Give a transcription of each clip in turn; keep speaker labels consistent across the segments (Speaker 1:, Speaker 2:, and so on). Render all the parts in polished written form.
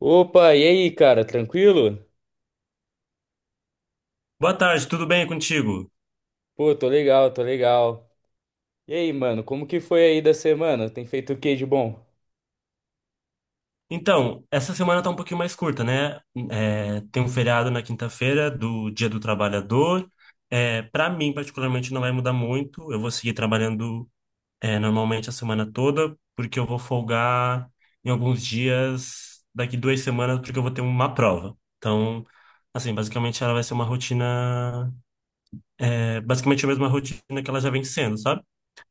Speaker 1: Opa, e aí, cara, tranquilo?
Speaker 2: Boa tarde, tudo bem contigo?
Speaker 1: Pô, tô legal. E aí, mano, como que foi aí da semana? Tem feito o que de bom?
Speaker 2: Então, essa semana tá um pouquinho mais curta, né? Tem um feriado na quinta-feira do Dia do Trabalhador. É, para mim, particularmente, não vai mudar muito. Eu vou seguir trabalhando, normalmente a semana toda, porque eu vou folgar em alguns dias, daqui duas semanas, porque eu vou ter uma prova. Então, assim, basicamente ela vai ser uma rotina, basicamente a mesma rotina que ela já vem sendo, sabe?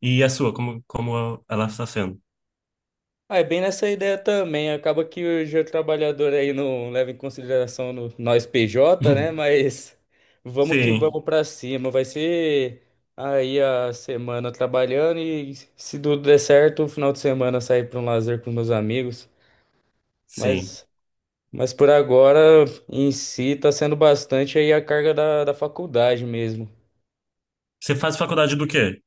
Speaker 2: E a sua, como ela está sendo?
Speaker 1: Ah, é bem nessa ideia também. Acaba que hoje o trabalhador aí não leva em consideração nós PJ, né? Mas vamos que
Speaker 2: Sim.
Speaker 1: vamos pra cima. Vai ser aí a semana trabalhando e, se tudo der certo, o final de semana sair pra um lazer com meus amigos.
Speaker 2: Sim.
Speaker 1: Mas mas por agora, em si, tá sendo bastante aí a carga da faculdade mesmo.
Speaker 2: Você faz faculdade do quê?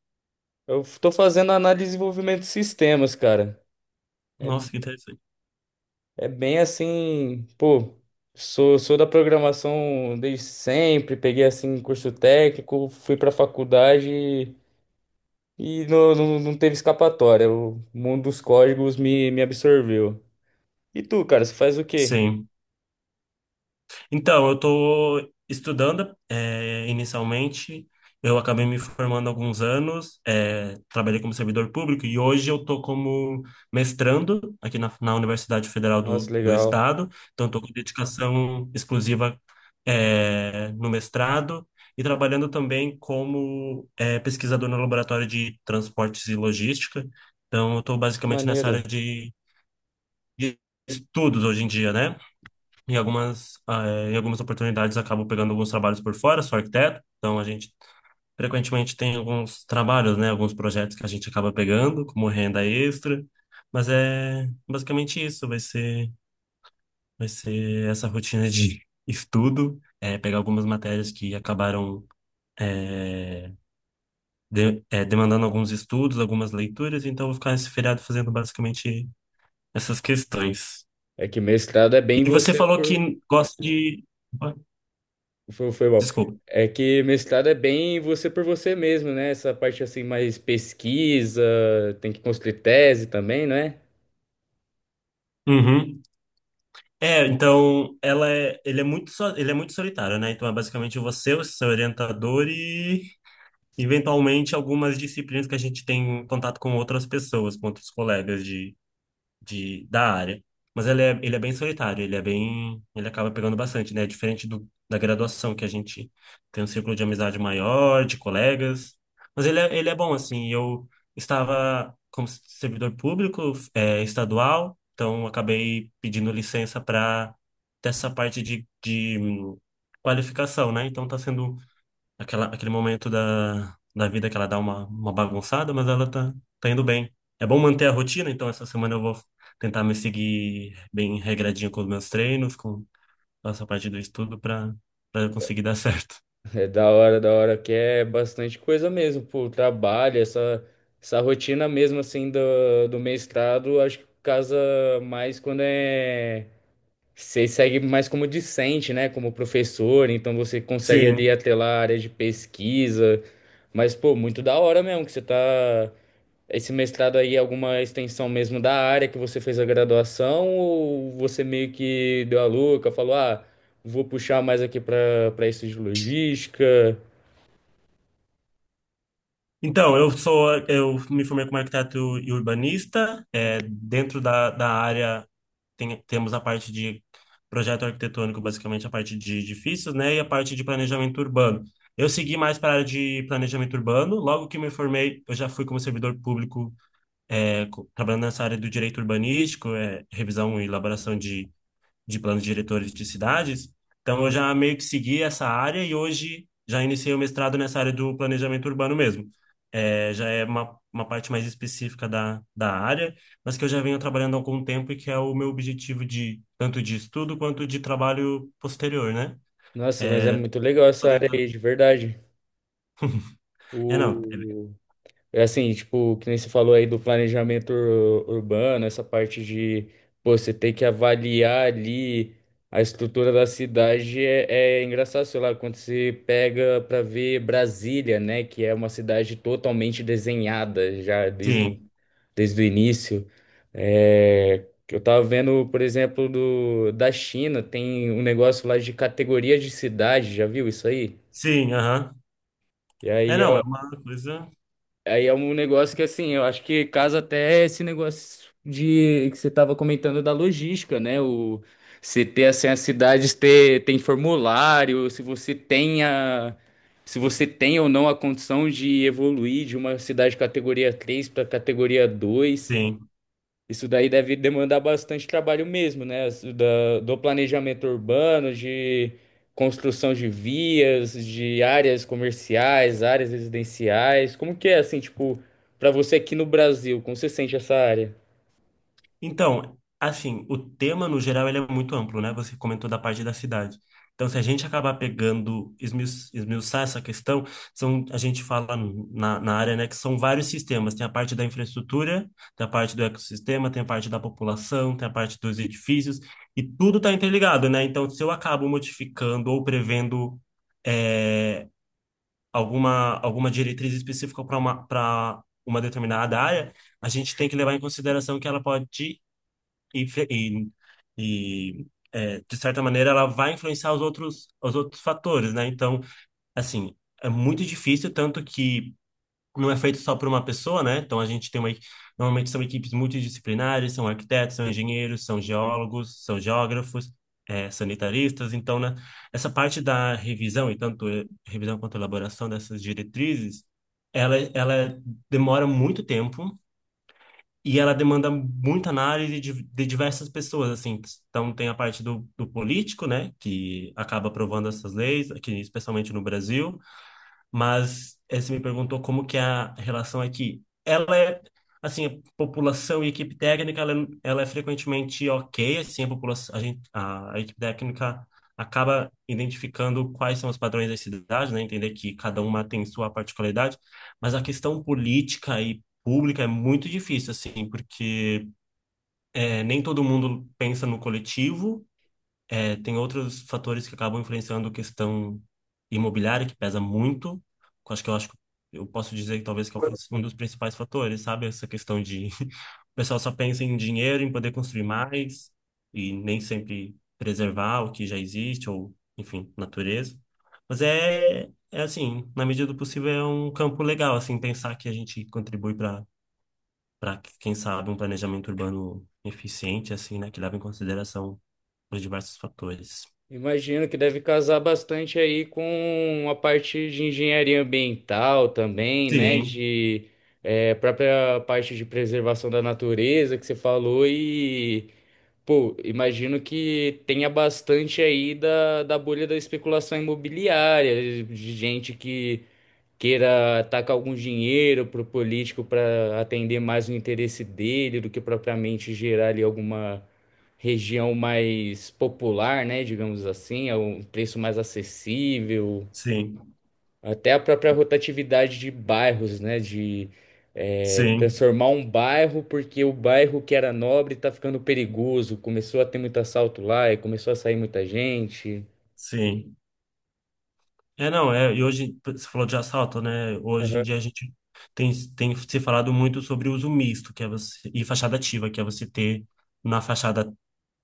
Speaker 1: Eu tô fazendo análise e desenvolvimento de sistemas, cara. É,
Speaker 2: Nossa, que interessante.
Speaker 1: É bem assim, pô, sou da programação desde sempre, peguei assim curso técnico, fui pra faculdade e não teve escapatória. O mundo dos códigos me absorveu. E tu, cara, você faz o quê?
Speaker 2: Sim. Então, eu estou estudando, inicialmente. Eu acabei me formando há alguns anos, trabalhei como servidor público e hoje eu estou como mestrando aqui na Universidade Federal
Speaker 1: Nossa,
Speaker 2: do
Speaker 1: legal.
Speaker 2: Estado. Então, estou com dedicação exclusiva, no mestrado e trabalhando também como, é, pesquisador no Laboratório de Transportes e Logística. Então, eu estou
Speaker 1: Nossa, que
Speaker 2: basicamente nessa área
Speaker 1: maneiro.
Speaker 2: de estudos hoje em dia, né? Em algumas, em algumas oportunidades acabo pegando alguns trabalhos por fora, sou arquiteto, então a gente frequentemente tem alguns trabalhos, né? Alguns projetos que a gente acaba pegando como renda extra, mas é basicamente isso, vai ser essa rotina de estudo, pegar algumas matérias que acabaram é, demandando alguns estudos, algumas leituras, então eu vou ficar esse feriado fazendo basicamente essas questões.
Speaker 1: É que mestrado é bem
Speaker 2: E você
Speaker 1: você
Speaker 2: falou
Speaker 1: por,
Speaker 2: que gosta de.
Speaker 1: Foi bom.
Speaker 2: Desculpa.
Speaker 1: É que mestrado é bem você por você mesmo, né? Essa parte assim, mais pesquisa, tem que construir tese também, né?
Speaker 2: Uhum. Ele é muito, ele é muito solitário, né? Então é basicamente você, o seu orientador e eventualmente algumas disciplinas que a gente tem contato com outras pessoas, com outros colegas da área. Mas ele é bem solitário, ele acaba pegando bastante, né? Diferente da graduação, que a gente tem um círculo de amizade maior, de colegas. Mas ele é bom, assim. Eu estava como servidor público, estadual, então acabei pedindo licença para dessa parte de qualificação, né? Então está sendo aquela, aquele momento da vida que ela dá uma bagunçada, mas ela tá, tá indo bem. É bom manter a rotina, então essa semana eu vou tentar me seguir bem regradinho com os meus treinos, com essa parte do estudo, para
Speaker 1: É
Speaker 2: conseguir dar certo.
Speaker 1: É da hora, que é bastante coisa mesmo, pô, trabalho, essa rotina mesmo, assim, do mestrado, acho que casa mais quando é... Você segue mais como discente, né, como professor, então você consegue ali
Speaker 2: Sim.
Speaker 1: atrelar a área de pesquisa, mas, pô, muito da hora mesmo, que você tá. Esse mestrado aí é alguma extensão mesmo da área que você fez a graduação, ou você meio que deu a louca, falou, ah, vou puxar mais aqui para isso de logística.
Speaker 2: Então, eu me formei como arquiteto e urbanista. É, dentro da área temos a parte de projeto arquitetônico, basicamente a parte de edifícios, né, e a parte de planejamento urbano. Eu segui mais para a área de planejamento urbano. Logo que me formei, eu já fui como servidor público, trabalhando nessa área do direito urbanístico, revisão e elaboração de planos diretores de cidades. Então, eu já meio que segui essa área e hoje já iniciei o mestrado nessa área do planejamento urbano mesmo. É, já é uma parte mais específica da área, mas que eu já venho trabalhando há algum tempo e que é o meu objetivo de tanto de estudo quanto de trabalho posterior, né?
Speaker 1: Nossa, mas é muito legal
Speaker 2: Tô
Speaker 1: essa área
Speaker 2: tentando-
Speaker 1: aí, de verdade.
Speaker 2: É, não. é-
Speaker 1: O... É assim, tipo, que nem você falou aí do planejamento urbano, essa parte de, pô, você tem que avaliar ali a estrutura da cidade, é, é engraçado, sei lá, quando você pega pra ver Brasília, né, que é uma cidade totalmente desenhada já desde o,
Speaker 2: Sim,
Speaker 1: desde o início. É, que eu tava vendo, por exemplo, da China, tem um negócio lá de categoria de cidade, já viu isso aí?
Speaker 2: sim, aham.
Speaker 1: E
Speaker 2: É,
Speaker 1: aí
Speaker 2: não, é
Speaker 1: é
Speaker 2: uma coisa...
Speaker 1: Aí é um negócio que, assim, eu acho que casa até esse negócio de que você estava comentando da logística, né? O, se ter, assim, as cidades ter, tem formulário, se você tem a, se você tem ou não a condição de evoluir de uma cidade categoria 3 para categoria dois,
Speaker 2: Sim.
Speaker 1: isso daí deve demandar bastante trabalho mesmo, né? Do planejamento urbano, de construção de vias, de áreas comerciais, áreas residenciais. Como que é assim, tipo, para você aqui no Brasil, como você sente essa área?
Speaker 2: Então, assim, o tema no geral ele é muito amplo, né? Você comentou da parte da cidade. Então, se a gente acabar pegando, esmiuçar essa questão, a gente fala na área, né, que são vários sistemas. Tem a parte da infraestrutura, tem a parte do ecossistema, tem a parte da população, tem a parte dos edifícios, e tudo está interligado, né? Então, se eu acabo modificando ou prevendo é, alguma, alguma diretriz específica para uma determinada área, a gente tem que levar em consideração que ela pode e, fe- e, e, de certa maneira ela vai influenciar os outros fatores, né? Então, assim, é muito difícil, tanto que não é feito só por uma pessoa, né? Então a gente tem uma, normalmente são equipes multidisciplinares, são arquitetos, são engenheiros, são geólogos, são geógrafos, sanitaristas, então, né? Essa parte da revisão e tanto revisão quanto elaboração dessas diretrizes ela, ela demora muito tempo, e ela demanda muita análise de diversas pessoas, assim. Então, tem a parte do político, né, que acaba aprovando essas leis, aqui, especialmente no Brasil. Mas você me perguntou como que é a relação aqui. Ela é, assim, a população e equipe técnica, ela é frequentemente ok, assim, a população, a equipe técnica acaba identificando quais são os padrões das cidades, né? Entender que cada uma tem sua particularidade, mas a questão política e pública é muito difícil, assim, porque nem todo mundo pensa no coletivo, tem outros fatores que acabam influenciando a questão imobiliária, que pesa muito. Que eu Acho que eu acho que eu posso dizer que talvez que é um dos principais fatores, sabe? Essa questão de o pessoal só pensa em dinheiro, em poder construir mais, e nem sempre preservar o que já existe, ou, enfim, natureza. Mas é, é assim, na medida do possível, é um campo legal, assim, pensar que a gente contribui para, quem sabe, um planejamento urbano eficiente, assim, né? Que leva em consideração os diversos fatores.
Speaker 1: Imagino que deve casar bastante aí com a parte de engenharia ambiental também, né?
Speaker 2: Sim,
Speaker 1: De própria parte de preservação da natureza que você falou. E pô, imagino que tenha bastante aí da bolha da especulação imobiliária, de gente que queira tacar algum dinheiro pro político para atender mais o interesse dele do que propriamente gerar ali alguma região mais popular, né? Digamos assim, a um preço mais acessível.
Speaker 2: sim,
Speaker 1: Até a própria rotatividade de bairros, né? De
Speaker 2: sim,
Speaker 1: transformar um bairro porque o bairro que era nobre tá ficando perigoso. Começou a ter muito assalto lá e começou a sair muita gente.
Speaker 2: sim. É, não, é, e hoje, você falou de assalto, né? Hoje em
Speaker 1: Aham,
Speaker 2: dia a gente tem, tem se falado muito sobre o uso misto, que é você, e fachada ativa, que é você ter na fachada,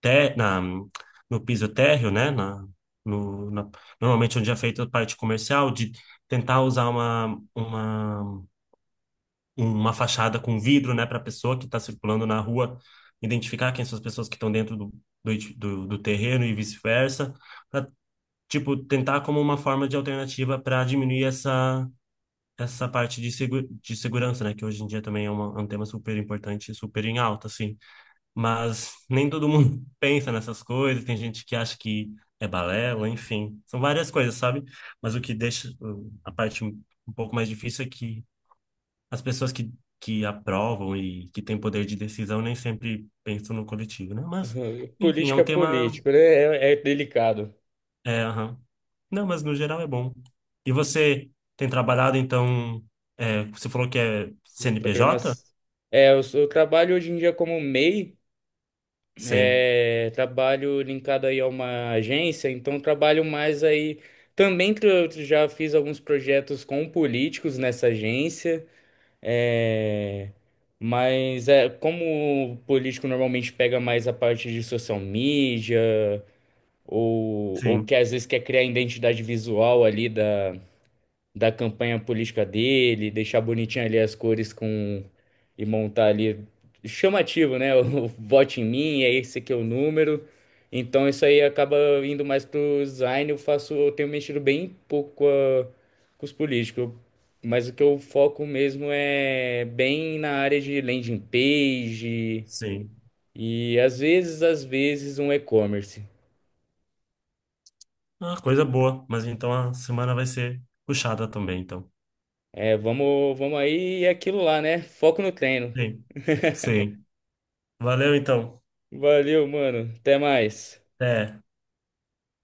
Speaker 2: no piso térreo, né? Na, no, na- Normalmente onde é feita a parte comercial, de tentar usar uma fachada com vidro, né, para a pessoa que está circulando na rua, identificar quem são as pessoas que estão dentro do do terreno e vice-versa tipo, tentar como uma forma de alternativa para diminuir essa parte de, segurança, né? Que hoje em dia também é, é um tema super importante, e super em alta, assim. Mas nem todo mundo pensa nessas coisas, tem gente que acha que é balela, enfim. São várias coisas, sabe? Mas o que deixa a parte um pouco mais difícil é que as pessoas que aprovam e que têm poder de decisão nem sempre pensam no coletivo, né? Mas,
Speaker 1: aham.
Speaker 2: enfim, é um
Speaker 1: Política é
Speaker 2: tema
Speaker 1: político, né? É, é delicado.
Speaker 2: é, aham. Não, mas no geral é bom. E você tem trabalhado, então, você falou que é CNPJ?
Speaker 1: Programas. É, eu trabalho hoje em dia como MEI,
Speaker 2: Sim,
Speaker 1: é, trabalho linkado aí a uma agência, então trabalho mais aí. Também já fiz alguns projetos com políticos nessa agência. É, mas é como o político normalmente pega mais a parte de social media ou
Speaker 2: sim,
Speaker 1: que às vezes quer criar identidade visual ali da campanha política dele, deixar bonitinho ali as cores com, e montar ali chamativo, né? O vote em mim, é, esse aqui é o número. Então isso aí acaba indo mais pro design, eu faço, eu tenho mexido bem pouco com os políticos. Mas o que eu foco mesmo é bem na área de landing page
Speaker 2: sim.
Speaker 1: e às vezes um e-commerce.
Speaker 2: Ah, coisa boa. Mas então a semana vai ser puxada também, então.
Speaker 1: É, vamos aí, e é aquilo lá, né? Foco no treino.
Speaker 2: Sim, sim. Valeu, então.
Speaker 1: Valeu, mano. Até mais.
Speaker 2: Até.